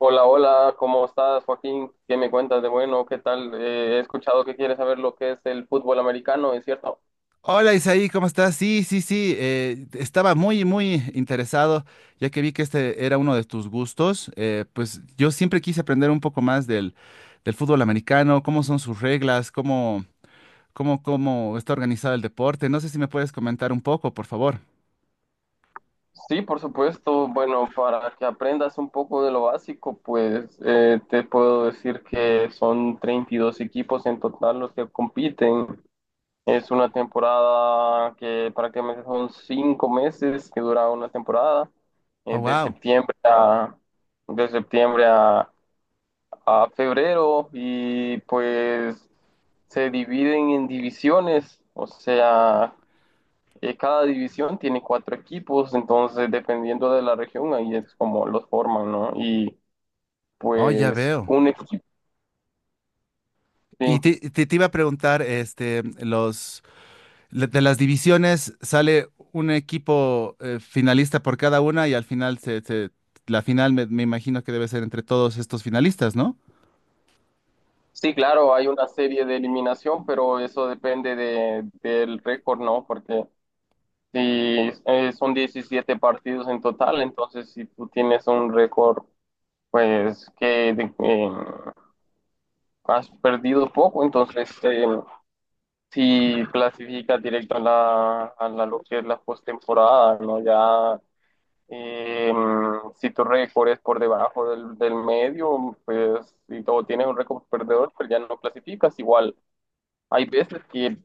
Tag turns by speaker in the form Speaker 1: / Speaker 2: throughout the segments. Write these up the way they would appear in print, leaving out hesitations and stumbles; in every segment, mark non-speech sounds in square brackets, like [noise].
Speaker 1: Hola, hola, ¿cómo estás, Joaquín? ¿Qué me cuentas de bueno? ¿Qué tal? He escuchado que quieres saber lo que es el fútbol americano, ¿es cierto?
Speaker 2: Hola Isaí, ¿cómo estás? Sí, sí, sí, estaba muy, muy interesado, ya que vi que este era uno de tus gustos. Pues yo siempre quise aprender un poco más del fútbol americano, cómo son sus reglas, cómo está organizado el deporte. No sé si me puedes comentar un poco, por favor.
Speaker 1: Sí, por supuesto. Bueno, para que aprendas un poco de lo básico, pues te puedo decir que son 32 equipos en total los que compiten. Es una temporada que prácticamente son 5 meses que dura una temporada, eh,
Speaker 2: Oh,
Speaker 1: de
Speaker 2: wow.
Speaker 1: septiembre a, de septiembre a febrero, y pues se dividen en divisiones, o sea, cada división tiene cuatro equipos, entonces dependiendo de la región ahí es como los forman, ¿no? Y
Speaker 2: Oh, ya
Speaker 1: pues
Speaker 2: veo.
Speaker 1: un equipo, sí.
Speaker 2: Y te iba a preguntar, los, de las divisiones sale un equipo finalista por cada una y al final la final me imagino que debe ser entre todos estos finalistas, ¿no?
Speaker 1: Sí, claro, hay una serie de eliminación, pero eso depende del récord, ¿no? Porque si son 17 partidos en total, entonces si tú tienes un récord, pues has perdido poco, entonces si clasificas directo lo que es la postemporada, ¿no? Ya eh, si tu récord es por debajo del medio, pues si todo tienes un récord perdedor, pues ya no clasificas. Igual hay veces que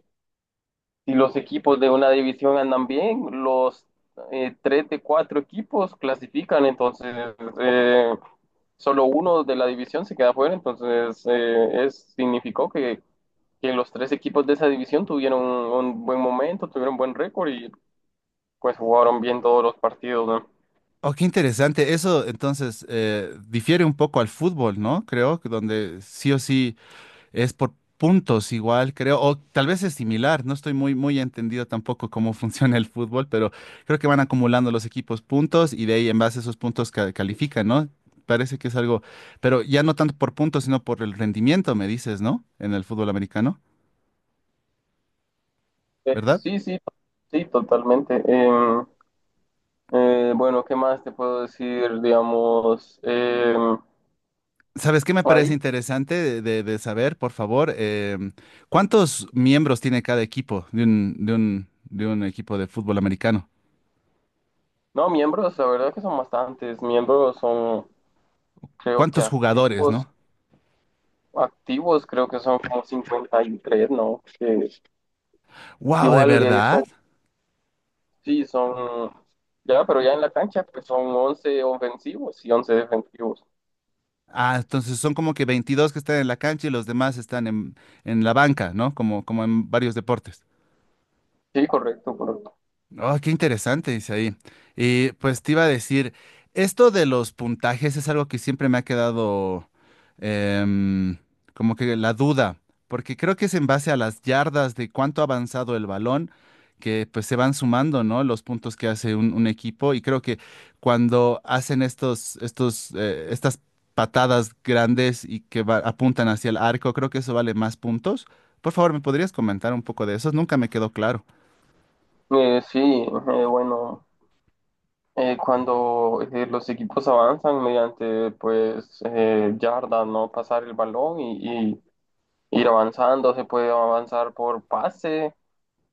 Speaker 1: si los equipos de una división andan bien, los tres de cuatro equipos clasifican, entonces eh, solo uno de la división se queda fuera, entonces significó que los tres equipos de esa división tuvieron un buen momento, tuvieron buen récord y pues jugaron bien todos los partidos, ¿no?
Speaker 2: Oh, qué interesante. Eso entonces difiere un poco al fútbol, ¿no? Creo que donde sí o sí es por puntos igual, creo, o tal vez es similar, no estoy muy, muy entendido tampoco cómo [laughs] funciona el fútbol, pero creo que van acumulando los equipos puntos y de ahí en base a esos puntos califican, ¿no? Parece que es algo, pero ya no tanto por puntos, sino por el rendimiento, me dices, ¿no? En el fútbol americano, ¿verdad?
Speaker 1: Sí, sí, sí, totalmente. Bueno, ¿qué más te puedo decir? Digamos,
Speaker 2: ¿Sabes qué me parece
Speaker 1: ahí.
Speaker 2: interesante de saber, por favor? ¿Cuántos miembros tiene cada equipo de un equipo de fútbol americano?
Speaker 1: No, miembros, la verdad que son bastantes. Miembros son, creo que
Speaker 2: ¿Cuántos jugadores,
Speaker 1: activos,
Speaker 2: no?
Speaker 1: activos creo que son como 53, ¿no? Que
Speaker 2: Wow, ¿de
Speaker 1: igual son,
Speaker 2: verdad?
Speaker 1: sí, son, ya, pero ya en la cancha pues son 11 ofensivos y 11 defensivos.
Speaker 2: Ah, entonces son como que 22 que están en la cancha y los demás están en la banca, ¿no? Como, como en varios deportes.
Speaker 1: Sí, correcto, correcto.
Speaker 2: Oh, qué interesante, dice ahí. Y pues te iba a decir, esto de los puntajes es algo que siempre me ha quedado em, como que la duda, porque creo que es en base a las yardas de cuánto ha avanzado el balón, que pues se van sumando, ¿no? Los puntos que hace un equipo y creo que cuando hacen estas patadas grandes y que apuntan hacia el arco, creo que eso vale más puntos. Por favor, ¿me podrías comentar un poco de eso? Nunca me quedó claro.
Speaker 1: Sí, bueno, cuando los equipos avanzan mediante pues yardas, ¿no? Pasar el balón y ir avanzando, se puede avanzar por pase.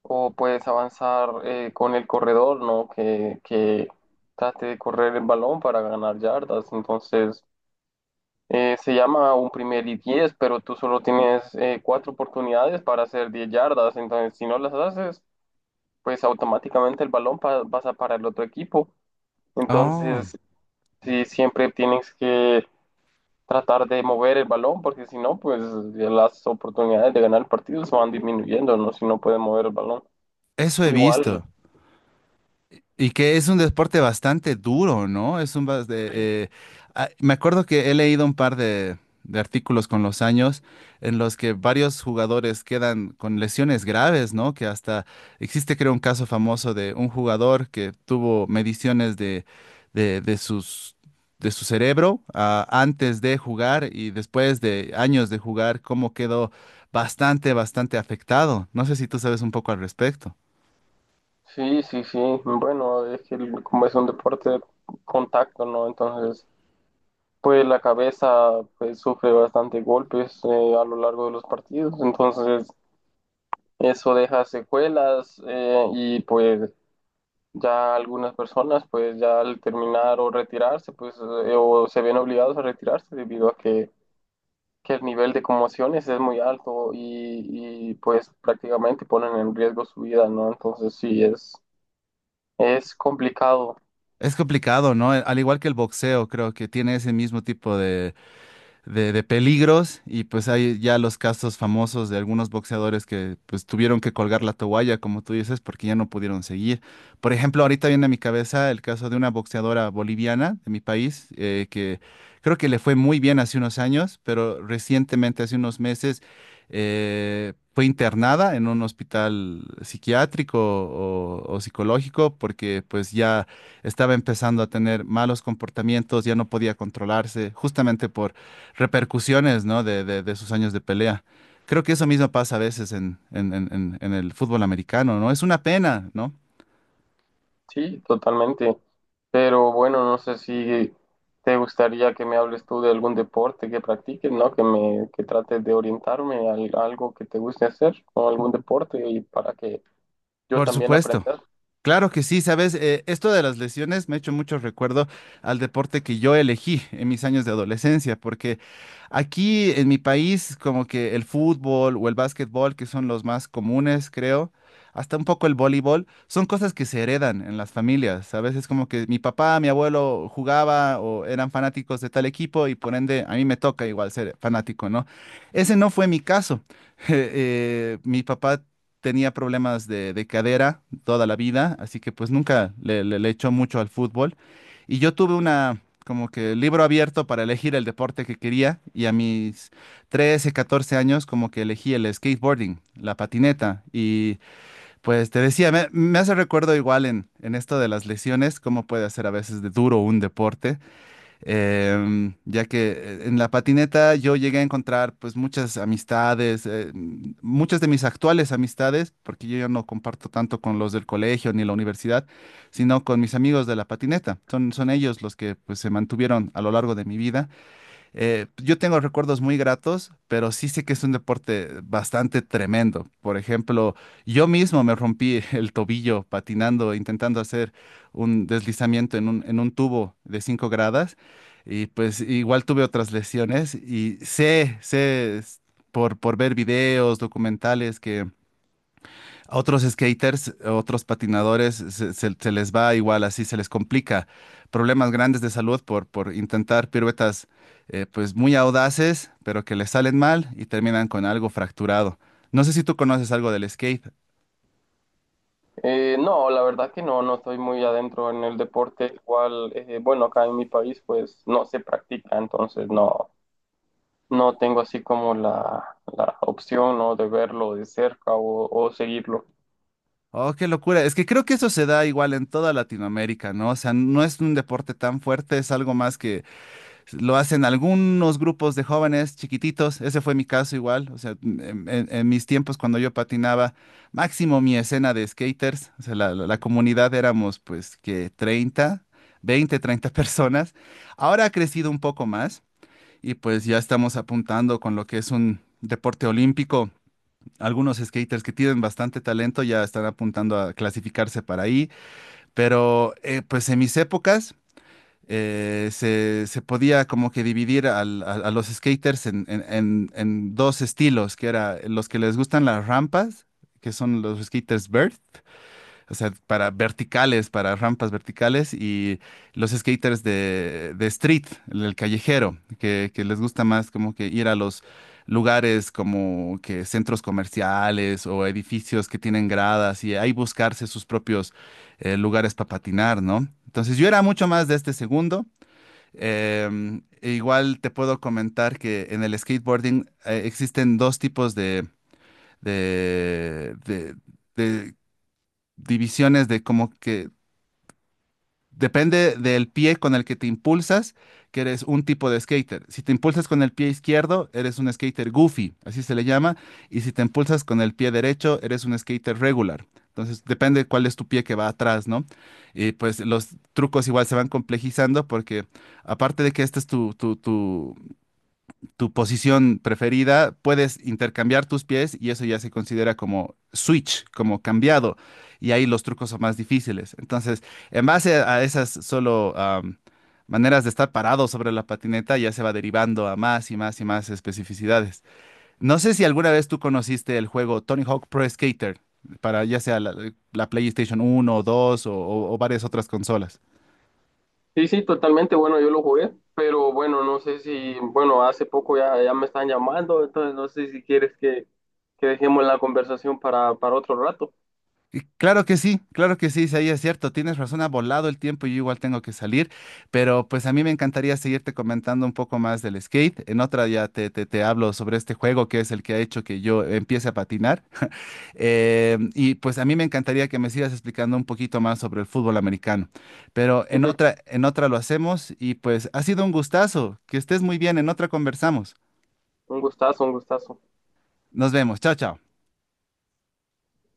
Speaker 1: O puedes avanzar con el corredor, ¿no? Que trate de correr el balón para ganar yardas. Entonces, se llama un primer y 10, pero tú solo tienes cuatro oportunidades para hacer 10 yardas. Entonces, si no las haces, pues automáticamente el balón pasa para el otro equipo.
Speaker 2: Oh.
Speaker 1: Entonces, sí, siempre tienes que tratar de mover el balón, porque si no, pues las oportunidades de ganar el partido se van disminuyendo, ¿no? Si no puedes mover el balón.
Speaker 2: Eso he
Speaker 1: Igual.
Speaker 2: visto. Y que es un deporte bastante duro, ¿no? Es un bas- de, ah, Me acuerdo que he leído un par de artículos con los años en los que varios jugadores quedan con lesiones graves, ¿no? Que hasta existe, creo, un caso famoso de un jugador que tuvo mediciones de, de sus, de su cerebro, antes de jugar y después de años de jugar, cómo quedó bastante, bastante afectado. No sé si tú sabes un poco al respecto.
Speaker 1: Sí, sí, sí. Bueno, es que como es un deporte de contacto, ¿no? Entonces, pues la cabeza pues, sufre bastante golpes a lo largo de los partidos. Entonces, eso deja secuelas y pues ya algunas personas pues ya al terminar o retirarse, pues o se ven obligados a retirarse debido a que el nivel de conmociones es muy alto y pues prácticamente ponen en riesgo su vida, ¿no? Entonces, sí, es complicado.
Speaker 2: Es complicado, ¿no? Al igual que el boxeo, creo que tiene ese mismo tipo de peligros y pues hay ya los casos famosos de algunos boxeadores que pues tuvieron que colgar la toalla, como tú dices, porque ya no pudieron seguir. Por ejemplo, ahorita viene a mi cabeza el caso de una boxeadora boliviana de mi país que creo que le fue muy bien hace unos años, pero recientemente, hace unos meses, fue internada en un hospital psiquiátrico o psicológico porque pues ya estaba empezando a tener malos comportamientos, ya no podía controlarse justamente repercusiones, ¿no? De sus años de pelea. Creo que eso mismo pasa a veces en el fútbol americano, ¿no? Es una pena, ¿no?
Speaker 1: Sí, totalmente. Pero bueno, no sé si te gustaría que me hables tú de algún deporte que practiques, ¿no? Que me, que trates de orientarme a algo que te guste hacer o algún deporte y para que yo
Speaker 2: Por
Speaker 1: también
Speaker 2: supuesto.
Speaker 1: aprenda.
Speaker 2: Claro que sí, sabes. Esto de las lesiones me ha hecho mucho recuerdo al deporte que yo elegí en mis años de adolescencia, porque aquí en mi país como que el fútbol o el básquetbol, que son los más comunes, creo, hasta un poco el voleibol, son cosas que se heredan en las familias, ¿sabes? Es como que mi papá, mi abuelo jugaba o eran fanáticos de tal equipo y por ende a mí me toca igual ser fanático, ¿no? Ese no fue mi caso. [laughs] Mi papá tenía problemas de cadera toda la vida, así que pues nunca le echó mucho al fútbol. Y yo tuve una, como que libro abierto para elegir el deporte que quería y a mis 13 14 años como que elegí el skateboarding, la patineta. Y pues te decía, me hace recuerdo igual en esto de las lesiones, cómo puede ser a veces de duro un deporte ya que en la patineta yo llegué a encontrar pues muchas amistades, muchas de mis actuales amistades, porque yo ya no comparto tanto con los del colegio ni la universidad, sino con mis amigos de la patineta. Son ellos los que pues se mantuvieron a lo largo de mi vida yo tengo recuerdos muy gratos, pero sí sé que es un deporte bastante tremendo. Por ejemplo, yo mismo me rompí [laughs] el tobillo patinando, intentando hacer un deslizamiento en un tubo de 5 gradas. Y pues igual tuve otras lesiones y sé es por ver videos, documentales que a otros skaters, a otros patinadores, se les va igual así, se les complica. Problemas grandes de salud por intentar piruetas pues muy audaces, pero que les salen mal y terminan con algo fracturado. No sé si tú conoces algo del skate.
Speaker 1: No, la verdad que no estoy muy adentro en el deporte, igual, bueno, acá en mi país pues no se practica, entonces no tengo así como la opción, ¿no?, de verlo de cerca o seguirlo.
Speaker 2: Oh, qué locura. Es que creo que eso se da igual en toda Latinoamérica, ¿no? O sea, no es un deporte tan fuerte, es algo más que lo hacen algunos grupos de jóvenes chiquititos, ese fue mi caso igual, o sea, en mis tiempos cuando yo patinaba, máximo mi escena de skaters, o sea, la comunidad éramos pues que 30 20 30 [laughs] personas. Ahora ha crecido un poco más y pues ya estamos apuntando con lo que es un deporte olímpico. Algunos skaters que tienen bastante talento ya están apuntando a clasificarse para ahí, pero pues en mis épocas se podía como que dividir a los skaters en dos estilos, que era los que les gustan las rampas, que son los skaters vert, o sea, para verticales, para rampas verticales, y los skaters de street, el callejero, que les gusta más como que ir a los lugares como que centros comerciales o edificios que tienen gradas y ahí buscarse sus propios lugares para patinar, ¿no? Entonces yo era mucho más de este segundo. E igual te puedo comentar que en el skateboarding existen dos tipos de, de- de divisiones de como que depende del pie con el que te impulsas, que eres un tipo de skater. Si te impulsas con el pie izquierdo, eres un skater goofy, así se le llama, y si te impulsas con el pie derecho, eres un skater regular. Entonces depende cuál es tu pie que va atrás, ¿no? Y pues los trucos igual se van complejizando porque aparte de que este es tu tu posición preferida, puedes intercambiar tus pies y eso ya se considera como switch, como cambiado. Y ahí los trucos son más difíciles. Entonces, en base a esas solo maneras de estar parado sobre la patineta, ya se va derivando a más y más y más especificidades. No sé si alguna vez tú conociste el juego Tony Hawk Pro Skater, para ya sea la PlayStation 1 o 2 o o varias otras consolas.
Speaker 1: Sí, sí, totalmente. Bueno, yo lo jugué, pero bueno, no sé si, bueno, hace poco ya me están llamando, entonces no sé si quieres que dejemos la conversación para otro rato.
Speaker 2: Y claro que sí, claro que sí, sí, ahí es cierto, tienes razón, ha volado el tiempo y yo igual tengo que salir, pero pues a mí me encantaría seguirte comentando un poco más del skate. En otra ya te hablo sobre este juego que es el que ha hecho que yo empiece a patinar. Y pues a mí me encantaría que me sigas explicando un poquito más sobre el fútbol americano, pero
Speaker 1: Sí, Pepe,
Speaker 2: en otra lo hacemos y pues ha sido un gustazo, que estés muy bien, en otra conversamos.
Speaker 1: un gustazo, un gustazo.
Speaker 2: Nos vemos, chao, chao.